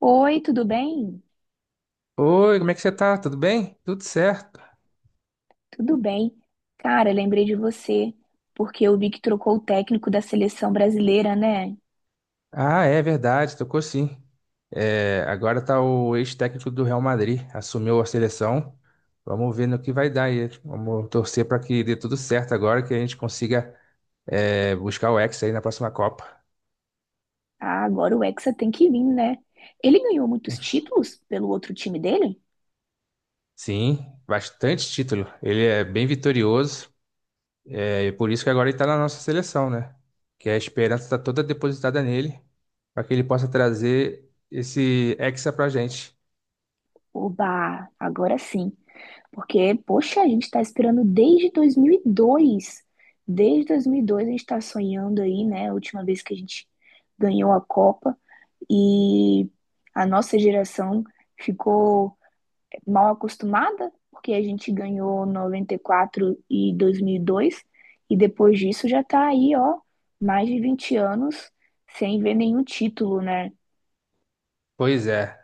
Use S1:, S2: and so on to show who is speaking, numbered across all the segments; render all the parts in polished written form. S1: Oi, tudo bem?
S2: Oi, como é que você tá? Tudo bem? Tudo certo.
S1: Tudo bem. Cara, lembrei de você, porque eu vi que trocou o técnico da seleção brasileira, né?
S2: Ah, é verdade, tocou sim. Agora tá o ex-técnico do Real Madrid, assumiu a seleção. Vamos ver no que vai dar aí. Vamos torcer para que dê tudo certo agora, que a gente consiga buscar o Hexa aí na próxima Copa.
S1: Ah, agora o Hexa tem que vir, né? Ele ganhou muitos títulos pelo outro time dele?
S2: Sim, bastante título. Ele é bem vitorioso, é e por isso que agora ele tá na nossa seleção, né? Que a esperança está toda depositada nele, para que ele possa trazer esse Hexa pra gente.
S1: Oba, agora sim. Porque, poxa, a gente tá esperando desde 2002. Desde 2002 a gente tá sonhando aí, né? A última vez que a gente ganhou a Copa. E a nossa geração ficou mal acostumada, porque a gente ganhou noventa e quatro e dois mil e dois, e depois disso já tá aí, ó, mais de 20 anos sem ver nenhum título, né?
S2: Pois é.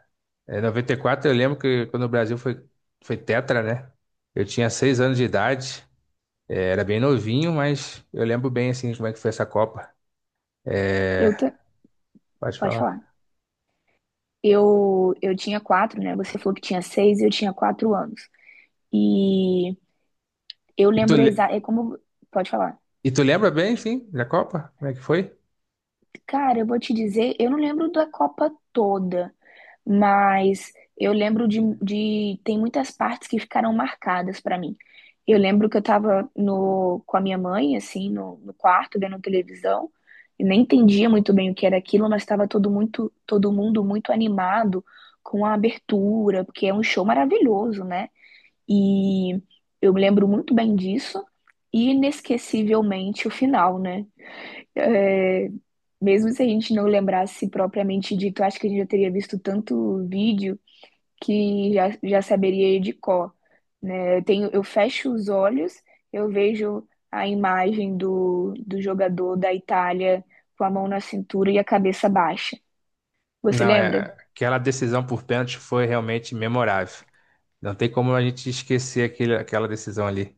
S2: Em 94 eu lembro que quando o Brasil foi, foi tetra, né? Eu tinha seis anos de idade, era bem novinho, mas eu lembro bem, assim, como é que foi essa Copa.
S1: Eu ta-
S2: É, Pode
S1: Pode falar.
S2: falar.
S1: Eu tinha quatro, né? Você falou que tinha seis, eu tinha quatro anos. E eu
S2: E tu,
S1: lembro
S2: le-
S1: exato. É como. Pode falar.
S2: e tu lembra bem, sim, da Copa? Como é que foi?
S1: Cara, eu vou te dizer, eu não lembro da Copa toda, mas eu lembro de tem muitas partes que ficaram marcadas pra mim. Eu lembro que eu tava no, com a minha mãe, assim, no quarto, vendo televisão, e nem entendia muito bem o que era aquilo, mas estava todo mundo muito animado com a abertura, porque é um show maravilhoso, né? E eu me lembro muito bem disso, e inesquecivelmente o final, né? É, mesmo se a gente não lembrasse propriamente dito, acho que a gente já teria visto tanto vídeo que já saberia de cor, né? Eu fecho os olhos, eu vejo a imagem do jogador da Itália com a mão na cintura e a cabeça baixa. Você
S2: Não, é,
S1: lembra?
S2: aquela decisão por pênalti foi realmente memorável. Não tem como a gente esquecer aquela decisão ali.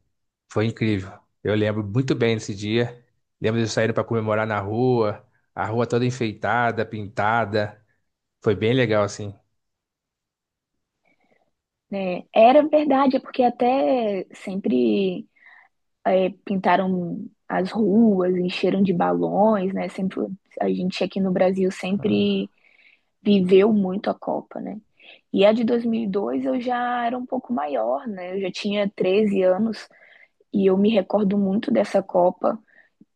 S2: Foi incrível. Eu lembro muito bem desse dia. Lembro de eu saindo para comemorar na rua, a rua toda enfeitada, pintada. Foi bem legal, assim.
S1: Né? Era verdade, é porque até sempre, é, pintaram as ruas, encheram de balões, né? Sempre, a gente aqui no Brasil sempre viveu muito a Copa, né? E a de 2002 eu já era um pouco maior, né? Eu já tinha 13 anos e eu me recordo muito dessa Copa,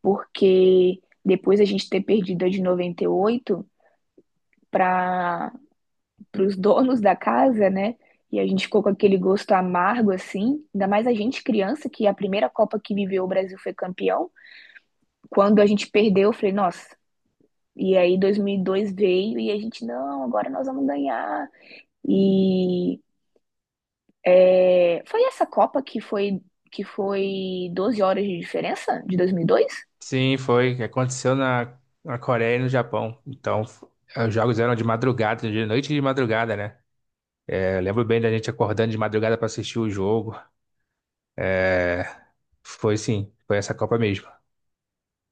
S1: porque depois a gente ter perdido a de 98 para os donos da casa, né? E a gente ficou com aquele gosto amargo, assim. Ainda mais a gente criança, que a primeira Copa que viveu o Brasil foi campeão. Quando a gente perdeu, eu falei, nossa. E aí 2002 veio e a gente, não, agora nós vamos ganhar. E é, foi essa Copa que foi 12 horas de diferença de 2002?
S2: Sim, foi. Que Aconteceu na Coreia e no Japão. Então, os jogos eram de madrugada, de noite e de madrugada, né? É, eu lembro bem da gente acordando de madrugada pra assistir o jogo. Foi sim, foi essa Copa mesmo.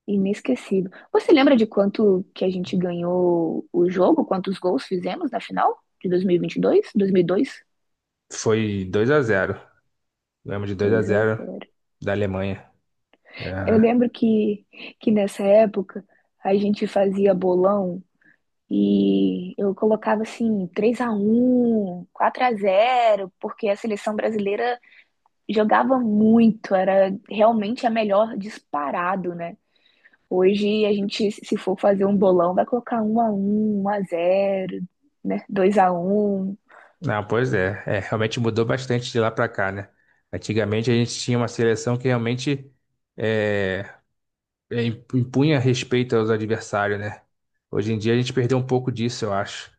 S1: Inesquecível. Você lembra de quanto que a gente ganhou o jogo? Quantos gols fizemos na final de 2022? 2002?
S2: Foi 2 a zero. Lembro de 2 a
S1: Dois mil e dois? Dois
S2: zero
S1: a zero.
S2: da Alemanha. É.
S1: Eu lembro que nessa época a gente fazia bolão e eu colocava assim 3 a um, 4 a zero, porque a seleção brasileira jogava muito, era realmente a melhor disparado, né? Hoje a gente, se for fazer um bolão, vai colocar um a um, um a zero, né? 2 a um,
S2: Não, pois é. É, realmente mudou bastante de lá pra cá, né? Antigamente a gente tinha uma seleção que realmente é, impunha respeito aos adversários, né? Hoje em dia a gente perdeu um pouco disso, eu acho.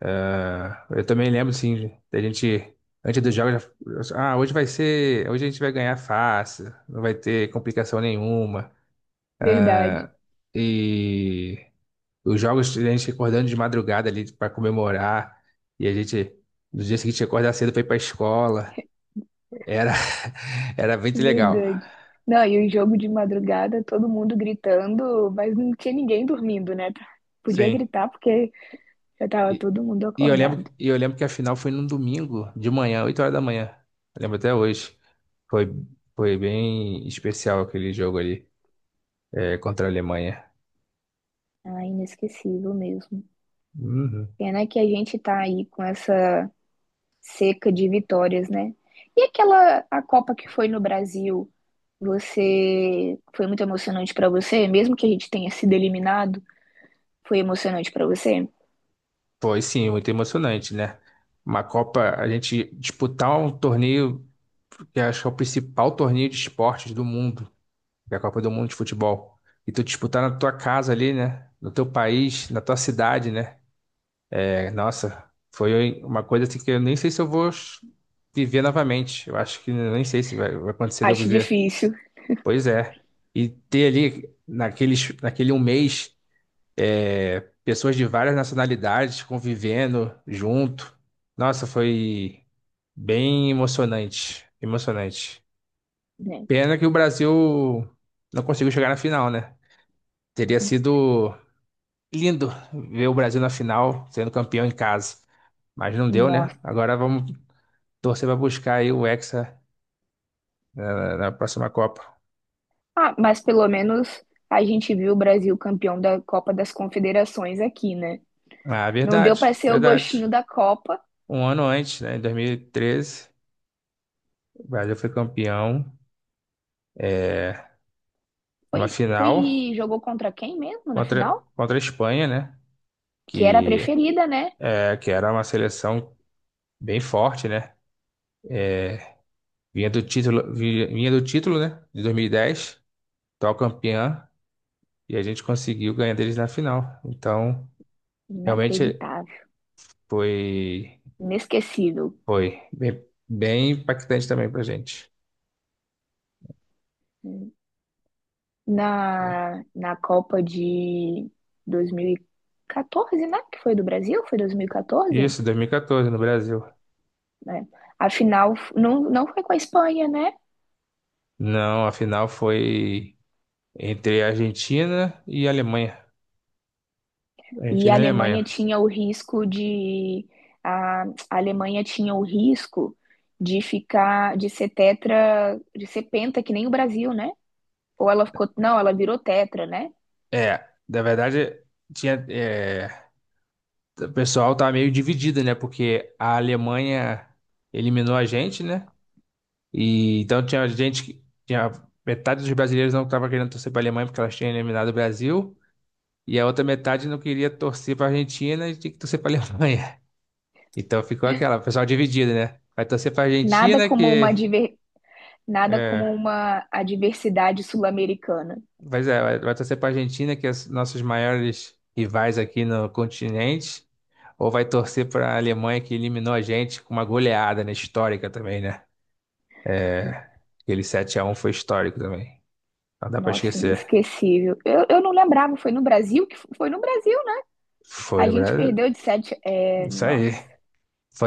S2: Ah, eu também lembro, sim, da gente, antes dos jogos, ah, hoje a gente vai ganhar fácil, não vai ter complicação nenhuma.
S1: verdade,
S2: É. E os jogos, a gente acordando de madrugada ali pra comemorar, e a gente, no dia seguinte, acordar cedo pra ir pra escola, era, era muito legal.
S1: verdade. Não, e o jogo de madrugada, todo mundo gritando, mas não tinha ninguém dormindo, né? Podia
S2: Sim.
S1: gritar porque já tava
S2: E,
S1: todo mundo acordado.
S2: e eu lembro que a final foi num domingo de manhã, 8 horas da manhã. Eu lembro até hoje. Foi, foi bem especial aquele jogo ali. É, contra a Alemanha.
S1: Ah, inesquecível mesmo.
S2: Uhum.
S1: Pena que a gente tá aí com essa seca de vitórias, né? E aquela a Copa que foi no Brasil, você foi muito emocionante pra você, mesmo que a gente tenha sido eliminado? Foi emocionante pra você?
S2: Foi sim, muito emocionante, né? Uma Copa, a gente disputar um torneio que acho que é o principal torneio de esportes do mundo, que é a Copa do Mundo de Futebol. E tu disputar na tua casa ali, né? No teu país, na tua cidade, né? É, nossa, foi uma coisa assim que eu nem sei se eu vou viver novamente. Eu acho que nem sei se vai acontecer de eu
S1: Acho
S2: viver.
S1: difícil,
S2: Pois é. E ter ali, naquele um mês, pessoas de várias nacionalidades convivendo junto. Nossa, foi bem emocionante.
S1: né?
S2: Pena que o Brasil não conseguiu chegar na final, né? Teria sido lindo ver o Brasil na final, sendo campeão em casa. Mas não deu, né?
S1: Nossa.
S2: Agora vamos torcer para buscar aí o Hexa na próxima Copa.
S1: Ah, mas pelo menos a gente viu o Brasil campeão da Copa das Confederações aqui, né?
S2: Ah,
S1: Não deu
S2: verdade,
S1: pra ser o
S2: verdade.
S1: gostinho da Copa.
S2: Um ano antes, né, em 2013, o Brasil foi campeão numa
S1: Foi,
S2: final
S1: foi jogou contra quem mesmo na final?
S2: contra a Espanha, né?
S1: Que era a
S2: que,
S1: preferida, né?
S2: que era uma seleção bem forte, né? Vinha do título, né? De 2010, atual campeã, e a gente conseguiu ganhar deles na final. Então, realmente
S1: Inacreditável,
S2: foi,
S1: inesquecível.
S2: foi bem, bem impactante também pra gente.
S1: Na Copa de 2014, né? Que foi do Brasil? Foi 2014?
S2: Isso, 2014 no Brasil.
S1: Né? A final não foi com a Espanha, né?
S2: Não, a final foi entre a Argentina e a Alemanha.
S1: E a
S2: Argentina e
S1: Alemanha
S2: Alemanha.
S1: tinha o risco de a Alemanha tinha o risco de ficar de ser tetra, de ser penta que nem o Brasil, né? Ou ela ficou, não, ela virou tetra, né?
S2: É, na verdade, tinha, é, o pessoal tá meio dividido, né? Porque a Alemanha eliminou a gente, né? E então tinha gente que tinha metade dos brasileiros não estava querendo torcer para a Alemanha porque elas tinham eliminado o Brasil, e a outra metade não queria torcer para a Argentina e tinha que torcer para a Alemanha. Então ficou aquela, o pessoal dividido, né? Vai torcer para a
S1: Nada
S2: Argentina
S1: como
S2: que
S1: uma diver, nada
S2: é,
S1: como uma adversidade sul-americana.
S2: pois é, vai torcer para a Argentina que é os nossos maiores rivais aqui no continente. Ou vai torcer para a Alemanha que eliminou a gente com uma goleada, né? Histórica também, né? Aquele sete a um foi histórico também. Não dá pra
S1: Nossa,
S2: esquecer.
S1: inesquecível. Eu não lembrava, foi no Brasil que foi no Brasil. Né?
S2: Foi
S1: A
S2: no
S1: gente
S2: Brasil.
S1: perdeu de sete. É,
S2: Isso
S1: nossa,
S2: aí.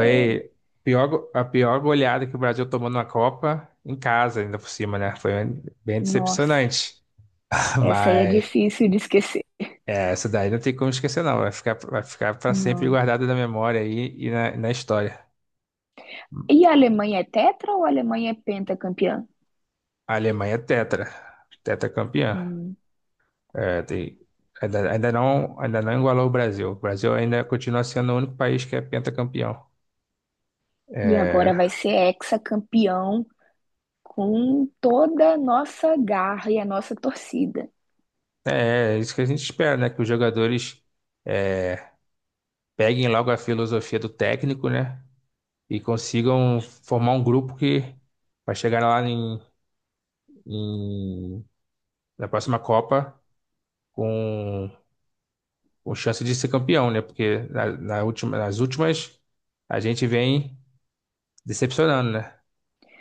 S1: é,
S2: a pior, go- a pior goleada que o Brasil tomou na Copa, em casa, ainda por cima, né? Foi bem
S1: nossa,
S2: decepcionante.
S1: essa aí é
S2: Mas
S1: difícil de esquecer.
S2: é, essa daí não tem como esquecer, não. Vai ficar para sempre
S1: Não.
S2: guardada na memória aí e na história.
S1: E a Alemanha é tetra ou a Alemanha é pentacampeã?
S2: A Alemanha é tetra. Tetracampeã.
S1: Hum.
S2: É, tem- ainda, ainda não igualou o Brasil. O Brasil ainda continua sendo o único país que é pentacampeão.
S1: E
S2: É,
S1: agora vai ser hexacampeão com toda a nossa garra e a nossa torcida.
S2: É, é isso que a gente espera, né? Que os jogadores é, peguem logo a filosofia do técnico, né? E consigam formar um grupo que vai chegar lá em- na próxima Copa com, com chance de ser campeão, né? Porque na última, nas últimas a gente vem decepcionando, né?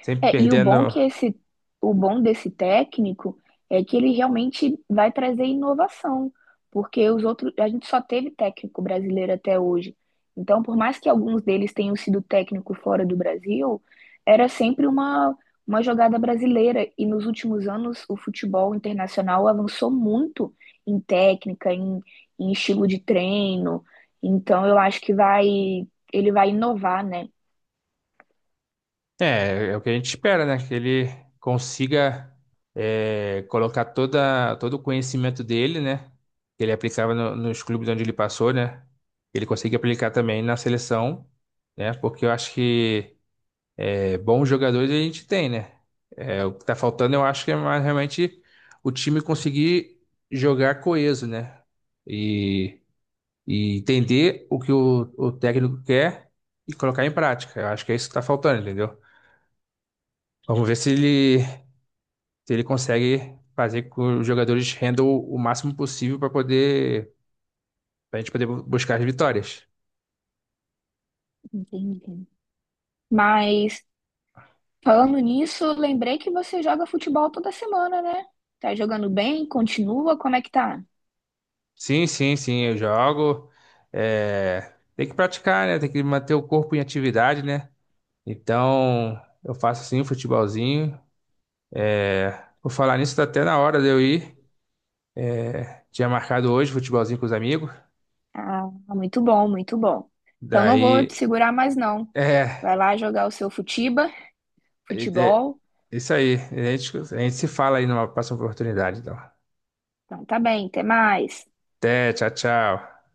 S2: Sempre
S1: É,
S2: perdendo.
S1: o bom desse técnico é que ele realmente vai trazer inovação, porque os outros, a gente só teve técnico brasileiro até hoje. Então, por mais que alguns deles tenham sido técnico fora do Brasil, era sempre uma jogada brasileira. E nos últimos anos, o futebol internacional avançou muito em técnica, em estilo de treino. Então, eu acho que ele vai inovar, né?
S2: É, é o que a gente espera, né? Que ele consiga colocar todo o conhecimento dele, né? Que ele aplicava nos clubes onde ele passou, né? Ele consiga aplicar também na seleção, né? Porque eu acho que é, bons jogadores a gente tem, né? É, o que tá faltando, eu acho que é mais realmente o time conseguir jogar coeso, né? E, e entender o que o técnico quer e colocar em prática. Eu acho que é isso que tá faltando, entendeu? Vamos ver se ele consegue fazer com que os jogadores rendam o máximo possível para poder, para a gente poder buscar as vitórias.
S1: Entendi. Mas falando nisso, lembrei que você joga futebol toda semana, né? Tá jogando bem? Continua? Como é que tá?
S2: Sim, sim, sim, eu jogo. É, tem que praticar, né? Tem que manter o corpo em atividade, né? Então, eu faço sim um futebolzinho. É, por falar nisso, tá até na hora de eu ir. Tinha marcado hoje futebolzinho com os amigos.
S1: Ah, muito bom, muito bom. Então não vou te
S2: Daí,
S1: segurar mais não.
S2: é,
S1: Vai lá jogar o seu
S2: é,
S1: futebol.
S2: isso aí. A gente se fala aí numa próxima oportunidade, então.
S1: Então tá bem, até mais.
S2: Até, tchau, tchau.